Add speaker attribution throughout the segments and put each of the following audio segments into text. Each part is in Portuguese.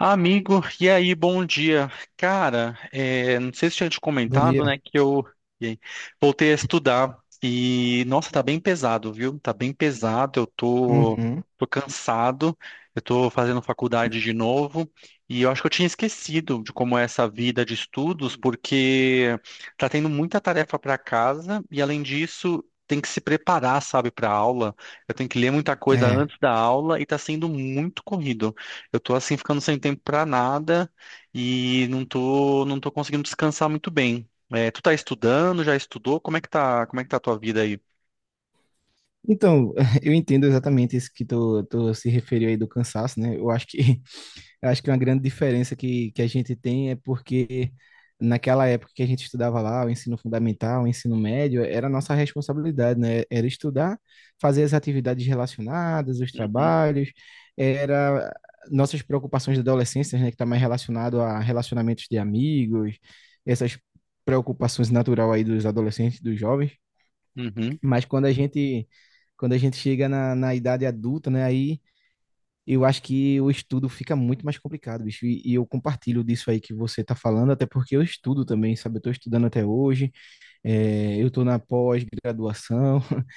Speaker 1: Amigo, e aí, bom dia. Cara, não sei se tinha te
Speaker 2: Bom
Speaker 1: comentado,
Speaker 2: dia.
Speaker 1: né, que eu e aí, voltei a estudar e, nossa, tá bem pesado, viu? Tá bem pesado,
Speaker 2: Uhum.
Speaker 1: tô cansado, eu tô fazendo faculdade de novo e eu acho que eu tinha esquecido de como é essa vida de estudos, porque tá tendo muita tarefa para casa e, além disso, tem que se preparar, sabe, para aula. Eu tenho que ler muita coisa
Speaker 2: É.
Speaker 1: antes da aula e tá sendo muito corrido. Eu tô assim ficando sem tempo pra nada e não tô conseguindo descansar muito bem. É, tu tá estudando, já estudou? Como é que tá, como é que tá a tua vida aí?
Speaker 2: Então, eu entendo exatamente isso que tu se referiu aí do cansaço, né? Eu acho que eu acho que uma grande diferença que a gente tem é porque naquela época que a gente estudava lá, o ensino fundamental, o ensino médio, era a nossa responsabilidade, né? Era estudar, fazer as atividades relacionadas, os
Speaker 1: Uhum,
Speaker 2: trabalhos, era nossas preocupações da adolescência, né? Que está mais relacionado a relacionamentos de amigos, essas preocupações natural aí dos adolescentes, dos jovens.
Speaker 1: uhum,
Speaker 2: Mas quando a gente chega na idade adulta, né, aí eu acho que o estudo fica muito mais complicado, bicho. E eu compartilho disso aí que você tá falando, até porque eu estudo também, sabe? Eu tô estudando até hoje, é, eu tô na pós-graduação.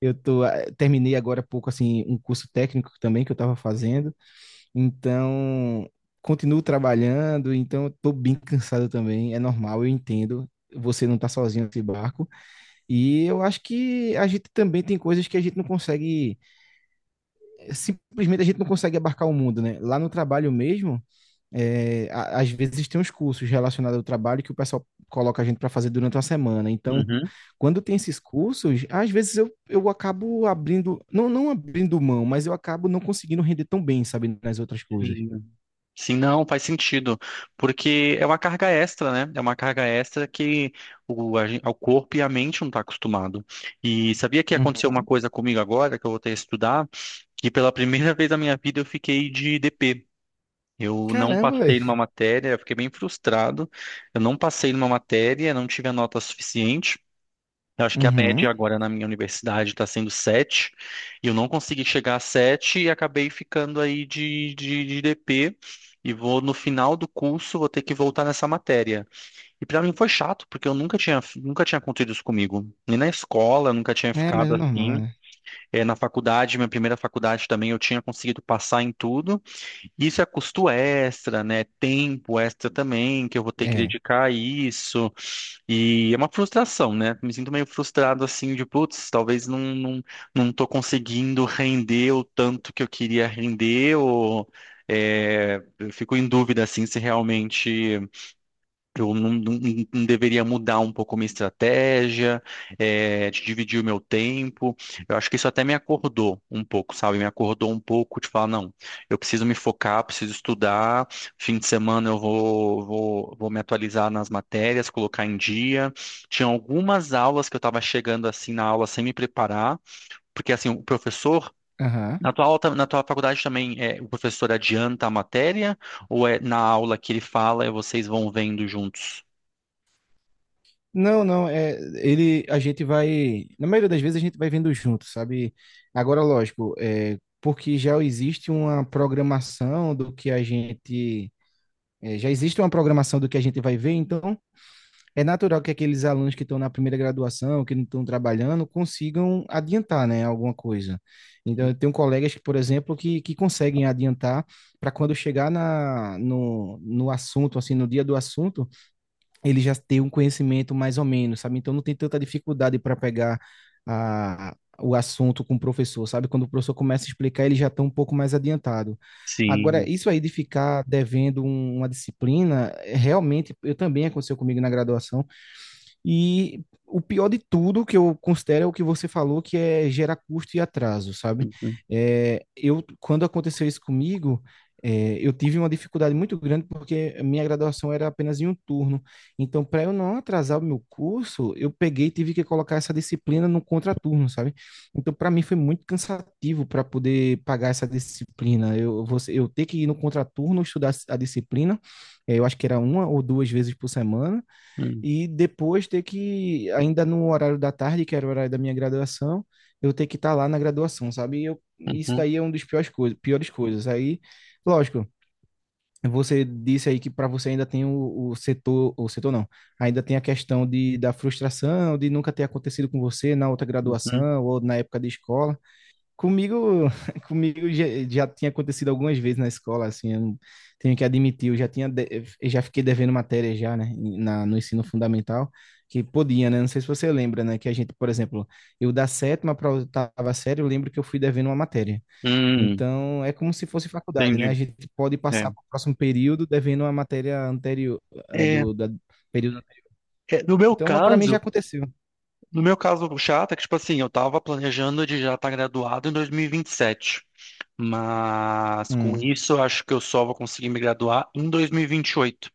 Speaker 2: Eu tô, terminei agora há pouco, assim, um curso técnico também que eu tava fazendo, então continuo trabalhando, então eu tô bem cansado também, é normal, eu entendo. Você não tá sozinho nesse barco, e eu acho que a gente também tem coisas que a gente não consegue, simplesmente a gente não consegue abarcar o mundo, né? Lá no trabalho mesmo, é, às vezes tem uns cursos relacionados ao trabalho que o pessoal coloca a gente para fazer durante uma semana. Então,
Speaker 1: uhum.
Speaker 2: quando tem esses cursos, às vezes eu acabo abrindo, não abrindo mão, mas eu acabo não conseguindo render tão bem, sabe, nas outras coisas.
Speaker 1: Sim. Sim, não, faz sentido, porque é uma carga extra, né? É uma carga extra que o corpo e a mente não tá acostumado. E sabia que aconteceu
Speaker 2: Uhum.
Speaker 1: uma coisa comigo agora, que eu vou ter que estudar, que pela primeira vez na minha vida eu fiquei de DP. Eu não
Speaker 2: Caramba,
Speaker 1: passei numa
Speaker 2: velho.
Speaker 1: matéria, eu fiquei bem frustrado. Eu não passei numa matéria, não tive a nota suficiente. Eu acho que a média
Speaker 2: Uhum.
Speaker 1: agora na minha universidade está sendo 7, e eu não consegui chegar a 7 e acabei ficando aí de DP. E vou no final do curso, vou ter que voltar nessa matéria. E para mim foi chato, porque eu nunca tinha acontecido isso comigo. Nem na escola, eu nunca tinha
Speaker 2: É, mas é
Speaker 1: ficado
Speaker 2: normal,
Speaker 1: assim.
Speaker 2: né?
Speaker 1: Na faculdade, minha primeira faculdade também, eu tinha conseguido passar em tudo. Isso é custo extra, né? Tempo extra também, que eu vou ter que
Speaker 2: É.
Speaker 1: dedicar a isso. E é uma frustração, né? Me sinto meio frustrado assim de, putz, talvez não tô conseguindo render o tanto que eu queria render, ou eu fico em dúvida assim se realmente. Eu não, não- não deveria mudar um pouco minha estratégia, de dividir o meu tempo. Eu acho que isso até me acordou um pouco, sabe? Me acordou um pouco de falar, não, eu preciso me focar, preciso estudar. Fim de semana eu vou me atualizar nas matérias, colocar em dia. Tinha algumas aulas que eu estava chegando assim na aula sem me preparar, porque assim, o professor.
Speaker 2: Aham.
Speaker 1: Na na tua faculdade também o professor adianta a matéria ou é na aula que ele fala e vocês vão vendo juntos?
Speaker 2: Não, não, é, ele, a gente vai, na maioria das vezes a gente vai vendo junto, sabe? Agora, lógico, é, porque já existe uma programação do que a gente, é, já existe uma programação do que a gente vai ver, então é natural que aqueles alunos que estão na primeira graduação, que não estão trabalhando, consigam adiantar, né, alguma coisa. Então, eu tenho colegas, que, por exemplo, que conseguem adiantar para quando chegar no no assunto, assim, no dia do assunto, ele já tem um conhecimento mais ou menos, sabe? Então não tem tanta dificuldade para pegar a, o assunto com o professor, sabe? Quando o professor começa a explicar, ele já está um pouco mais adiantado. Agora,
Speaker 1: Sim.
Speaker 2: isso aí de ficar devendo uma disciplina, é, realmente, eu também aconteceu comigo na graduação, e o pior de tudo que eu considero é o que você falou, que é gera custo e atraso, sabe?
Speaker 1: Uhum,
Speaker 2: É, eu, quando aconteceu isso comigo, é, eu tive uma dificuldade muito grande porque a minha graduação era apenas em um turno. Então, para eu não atrasar o meu curso, eu peguei e tive que colocar essa disciplina no contraturno, sabe? Então, para mim foi muito cansativo para poder pagar essa disciplina. Eu, você, eu ter que ir no contraturno estudar a disciplina, eu acho que era uma ou duas vezes por semana,
Speaker 1: uhum,
Speaker 2: e depois ter que, ainda no horário da tarde, que era o horário da minha graduação, eu ter que estar lá na graduação, sabe? E eu, isso
Speaker 1: uhum,
Speaker 2: daí é um dos piores coisas, piores coisas. Aí, lógico, você disse aí que para você ainda tem o setor não, ainda tem a questão de, da frustração, de nunca ter acontecido com você na outra
Speaker 1: uhum.
Speaker 2: graduação ou na época de escola. Comigo, já tinha acontecido algumas vezes na escola, assim, eu não- tenho que admitir, eu já fiquei devendo matéria já, né, na, no ensino fundamental, que podia, né, não sei se você lembra, né, que a gente, por exemplo, eu da sétima para a oitava série, eu lembro que eu fui devendo uma matéria.
Speaker 1: Hum,
Speaker 2: Então, é como se fosse faculdade, né, a
Speaker 1: entendi.
Speaker 2: gente pode
Speaker 1: É.
Speaker 2: passar para o próximo período devendo uma matéria anterior, ah,
Speaker 1: É,
Speaker 2: do, da período anterior.
Speaker 1: no meu
Speaker 2: Então, para mim já
Speaker 1: caso,
Speaker 2: aconteceu.
Speaker 1: no meu caso chato é que, tipo assim, eu tava planejando de já estar graduado em dois mil e vinte e sete. Mas com
Speaker 2: Hum,
Speaker 1: isso, eu acho que eu só vou conseguir me graduar em 2028,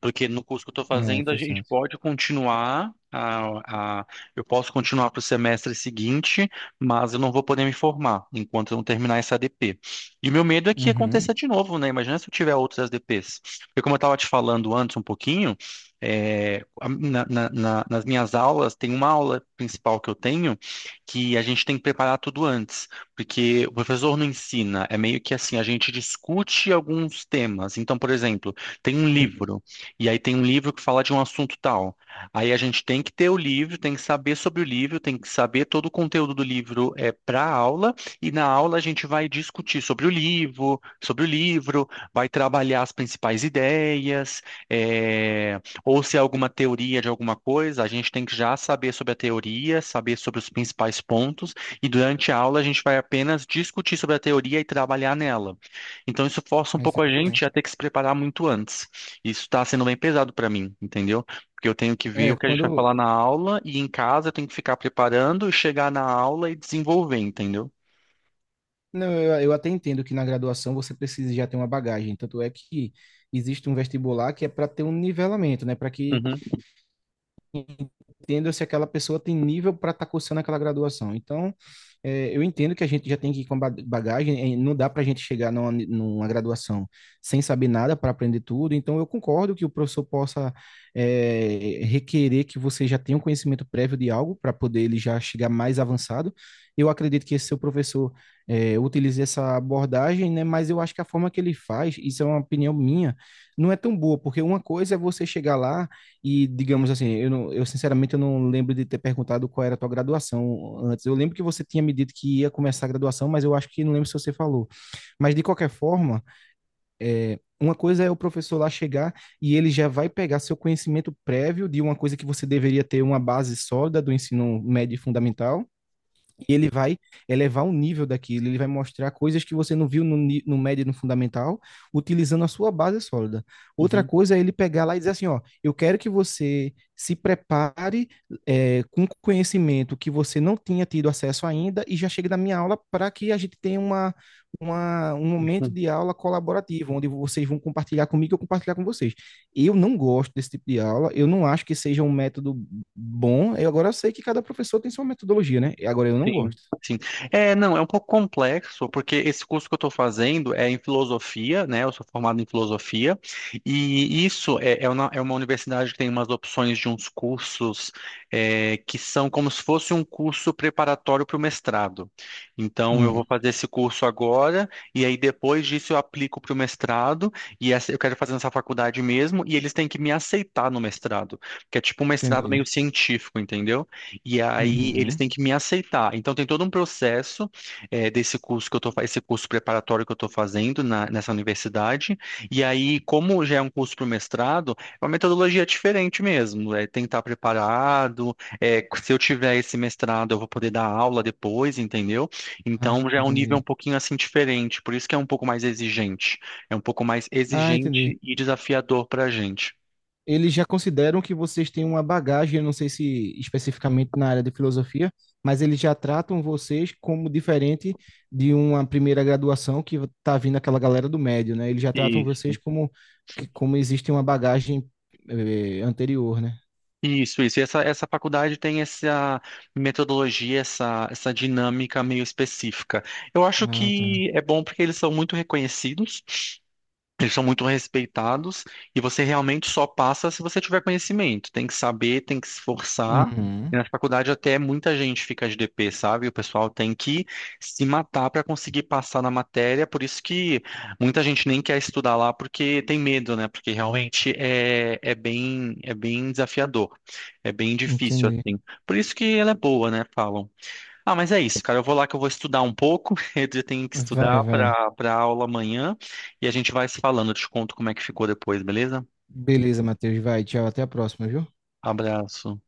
Speaker 1: porque no curso que eu estou
Speaker 2: é
Speaker 1: fazendo, a gente
Speaker 2: frustrante.
Speaker 1: pode continuar, a- eu posso continuar para o semestre seguinte, mas eu não vou poder me formar enquanto eu não terminar essa ADP. E o meu medo é que
Speaker 2: Uhum,
Speaker 1: aconteça de novo, né? Imagina se eu tiver outras ADPs. Porque como eu estava te falando antes um pouquinho, nas minhas aulas, tem uma aula principal que eu tenho que a gente tem que preparar tudo antes. Porque o professor não ensina, é meio que assim, a gente discute alguns temas. Então, por exemplo, tem um livro, e aí tem um livro que fala de um assunto tal. Aí a gente tem que ter o livro, tem que saber sobre o livro, tem que saber todo o conteúdo do livro é para a aula, e na aula a gente vai discutir sobre o livro, vai trabalhar as principais ideias, é, ou se é alguma teoria de alguma coisa, a gente tem que já saber sobre a teoria, saber sobre os principais pontos e durante a aula a gente vai apenas discutir sobre a teoria e trabalhar nela. Então isso força um
Speaker 2: isso
Speaker 1: pouco
Speaker 2: é
Speaker 1: a
Speaker 2: muito ruim.
Speaker 1: gente a ter que se preparar muito antes. Isso está sendo bem pesado para mim, entendeu? Porque eu tenho que ver
Speaker 2: É,
Speaker 1: o que a gente vai
Speaker 2: quando,
Speaker 1: falar na aula e em casa eu tenho que ficar preparando e chegar na aula e desenvolver, entendeu?
Speaker 2: não, eu até entendo que na graduação você precisa já ter uma bagagem, tanto é que existe um vestibular que é para ter um nivelamento, né? Para que
Speaker 1: Uhum,
Speaker 2: entenda se aquela pessoa tem nível para estar tá cursando aquela graduação. Então, é, eu entendo que a gente já tem que ir com bagagem, é, não dá para a gente chegar numa graduação sem saber nada para aprender tudo. Então, eu concordo que o professor possa requerer que você já tenha um conhecimento prévio de algo para poder ele já chegar mais avançado. Eu acredito que esse seu professor utilize essa abordagem, né? Mas eu acho que a forma que ele faz, isso é uma opinião minha, não é tão boa, porque uma coisa é você chegar lá e, digamos assim, eu, não, eu sinceramente eu não lembro de ter perguntado qual era a tua graduação antes. Eu lembro que você tinha me dito que ia começar a graduação, mas eu acho que não lembro se você falou. Mas, de qualquer forma, uma coisa é o professor lá chegar e ele já vai pegar seu conhecimento prévio de uma coisa que você deveria ter uma base sólida do ensino médio e fundamental e ele vai elevar o nível daquilo, ele vai mostrar coisas que você não viu no, no médio e no fundamental, utilizando a sua base sólida. Outra
Speaker 1: uhum.
Speaker 2: coisa é ele pegar lá e dizer assim, ó, eu quero que você se prepare com conhecimento que você não tinha tido acesso ainda e já chegue na minha aula para que a gente tenha um momento de aula colaborativo, onde vocês vão compartilhar comigo e eu compartilhar com vocês. Eu não gosto desse tipo de aula, eu não acho que seja um método bom. Eu agora eu sei que cada professor tem sua metodologia, né? E agora eu não
Speaker 1: Sim,
Speaker 2: gosto.
Speaker 1: sim. É, não, é um pouco complexo, porque esse curso que eu estou fazendo é em filosofia, né? Eu sou formado em filosofia, e isso é uma universidade que tem umas opções de uns cursos que são como se fosse um curso preparatório para o mestrado. Então, eu
Speaker 2: Hum,
Speaker 1: vou fazer esse curso agora, e aí depois disso eu aplico para o mestrado, e essa, eu quero fazer nessa faculdade mesmo, e eles têm que me aceitar no mestrado, que é tipo um mestrado
Speaker 2: entendi.
Speaker 1: meio científico, entendeu? E aí eles
Speaker 2: Uhum.
Speaker 1: têm que me aceitar. Então tem todo um processo eh, desse curso que eu tô, fa- esse curso preparatório que eu estou fazendo nessa universidade. E aí, como já é um curso para o mestrado, é uma metodologia diferente mesmo. É tentar preparado. Se eu tiver esse mestrado, eu vou poder dar aula depois, entendeu?
Speaker 2: Ah,
Speaker 1: Então já é um nível um
Speaker 2: entendi.
Speaker 1: pouquinho assim diferente. Por isso que é um pouco mais exigente. É um pouco mais
Speaker 2: Ah, entendi.
Speaker 1: exigente e desafiador para a gente.
Speaker 2: Eles já consideram que vocês têm uma bagagem, eu não sei se especificamente na área de filosofia, mas eles já tratam vocês como diferente de uma primeira graduação que tá vindo aquela galera do médio, né? Eles já tratam vocês como que como existe uma bagagem anterior, né?
Speaker 1: Isso, isso. E essa faculdade tem essa metodologia, essa dinâmica meio específica. Eu acho
Speaker 2: Ah, tá.
Speaker 1: que é bom porque eles são muito reconhecidos. Eles são muito respeitados e você realmente só passa se você tiver conhecimento. Tem que saber, tem que se esforçar. E
Speaker 2: Uhum.
Speaker 1: na faculdade até muita gente fica de DP, sabe? O pessoal tem que se matar para conseguir passar na matéria. Por isso que muita gente nem quer estudar lá porque tem medo, né? Porque realmente é bem desafiador, é bem difícil
Speaker 2: Entendi.
Speaker 1: assim. Por isso que ela é boa, né? Falam. Ah, mas é isso, cara. Eu vou lá que eu vou estudar um pouco. Eu já tenho que
Speaker 2: Vai,
Speaker 1: estudar
Speaker 2: vai.
Speaker 1: para aula amanhã e a gente vai se falando. Eu te conto como é que ficou depois, beleza?
Speaker 2: Beleza, Matheus. Vai, tchau. Até a próxima, viu?
Speaker 1: Abraço.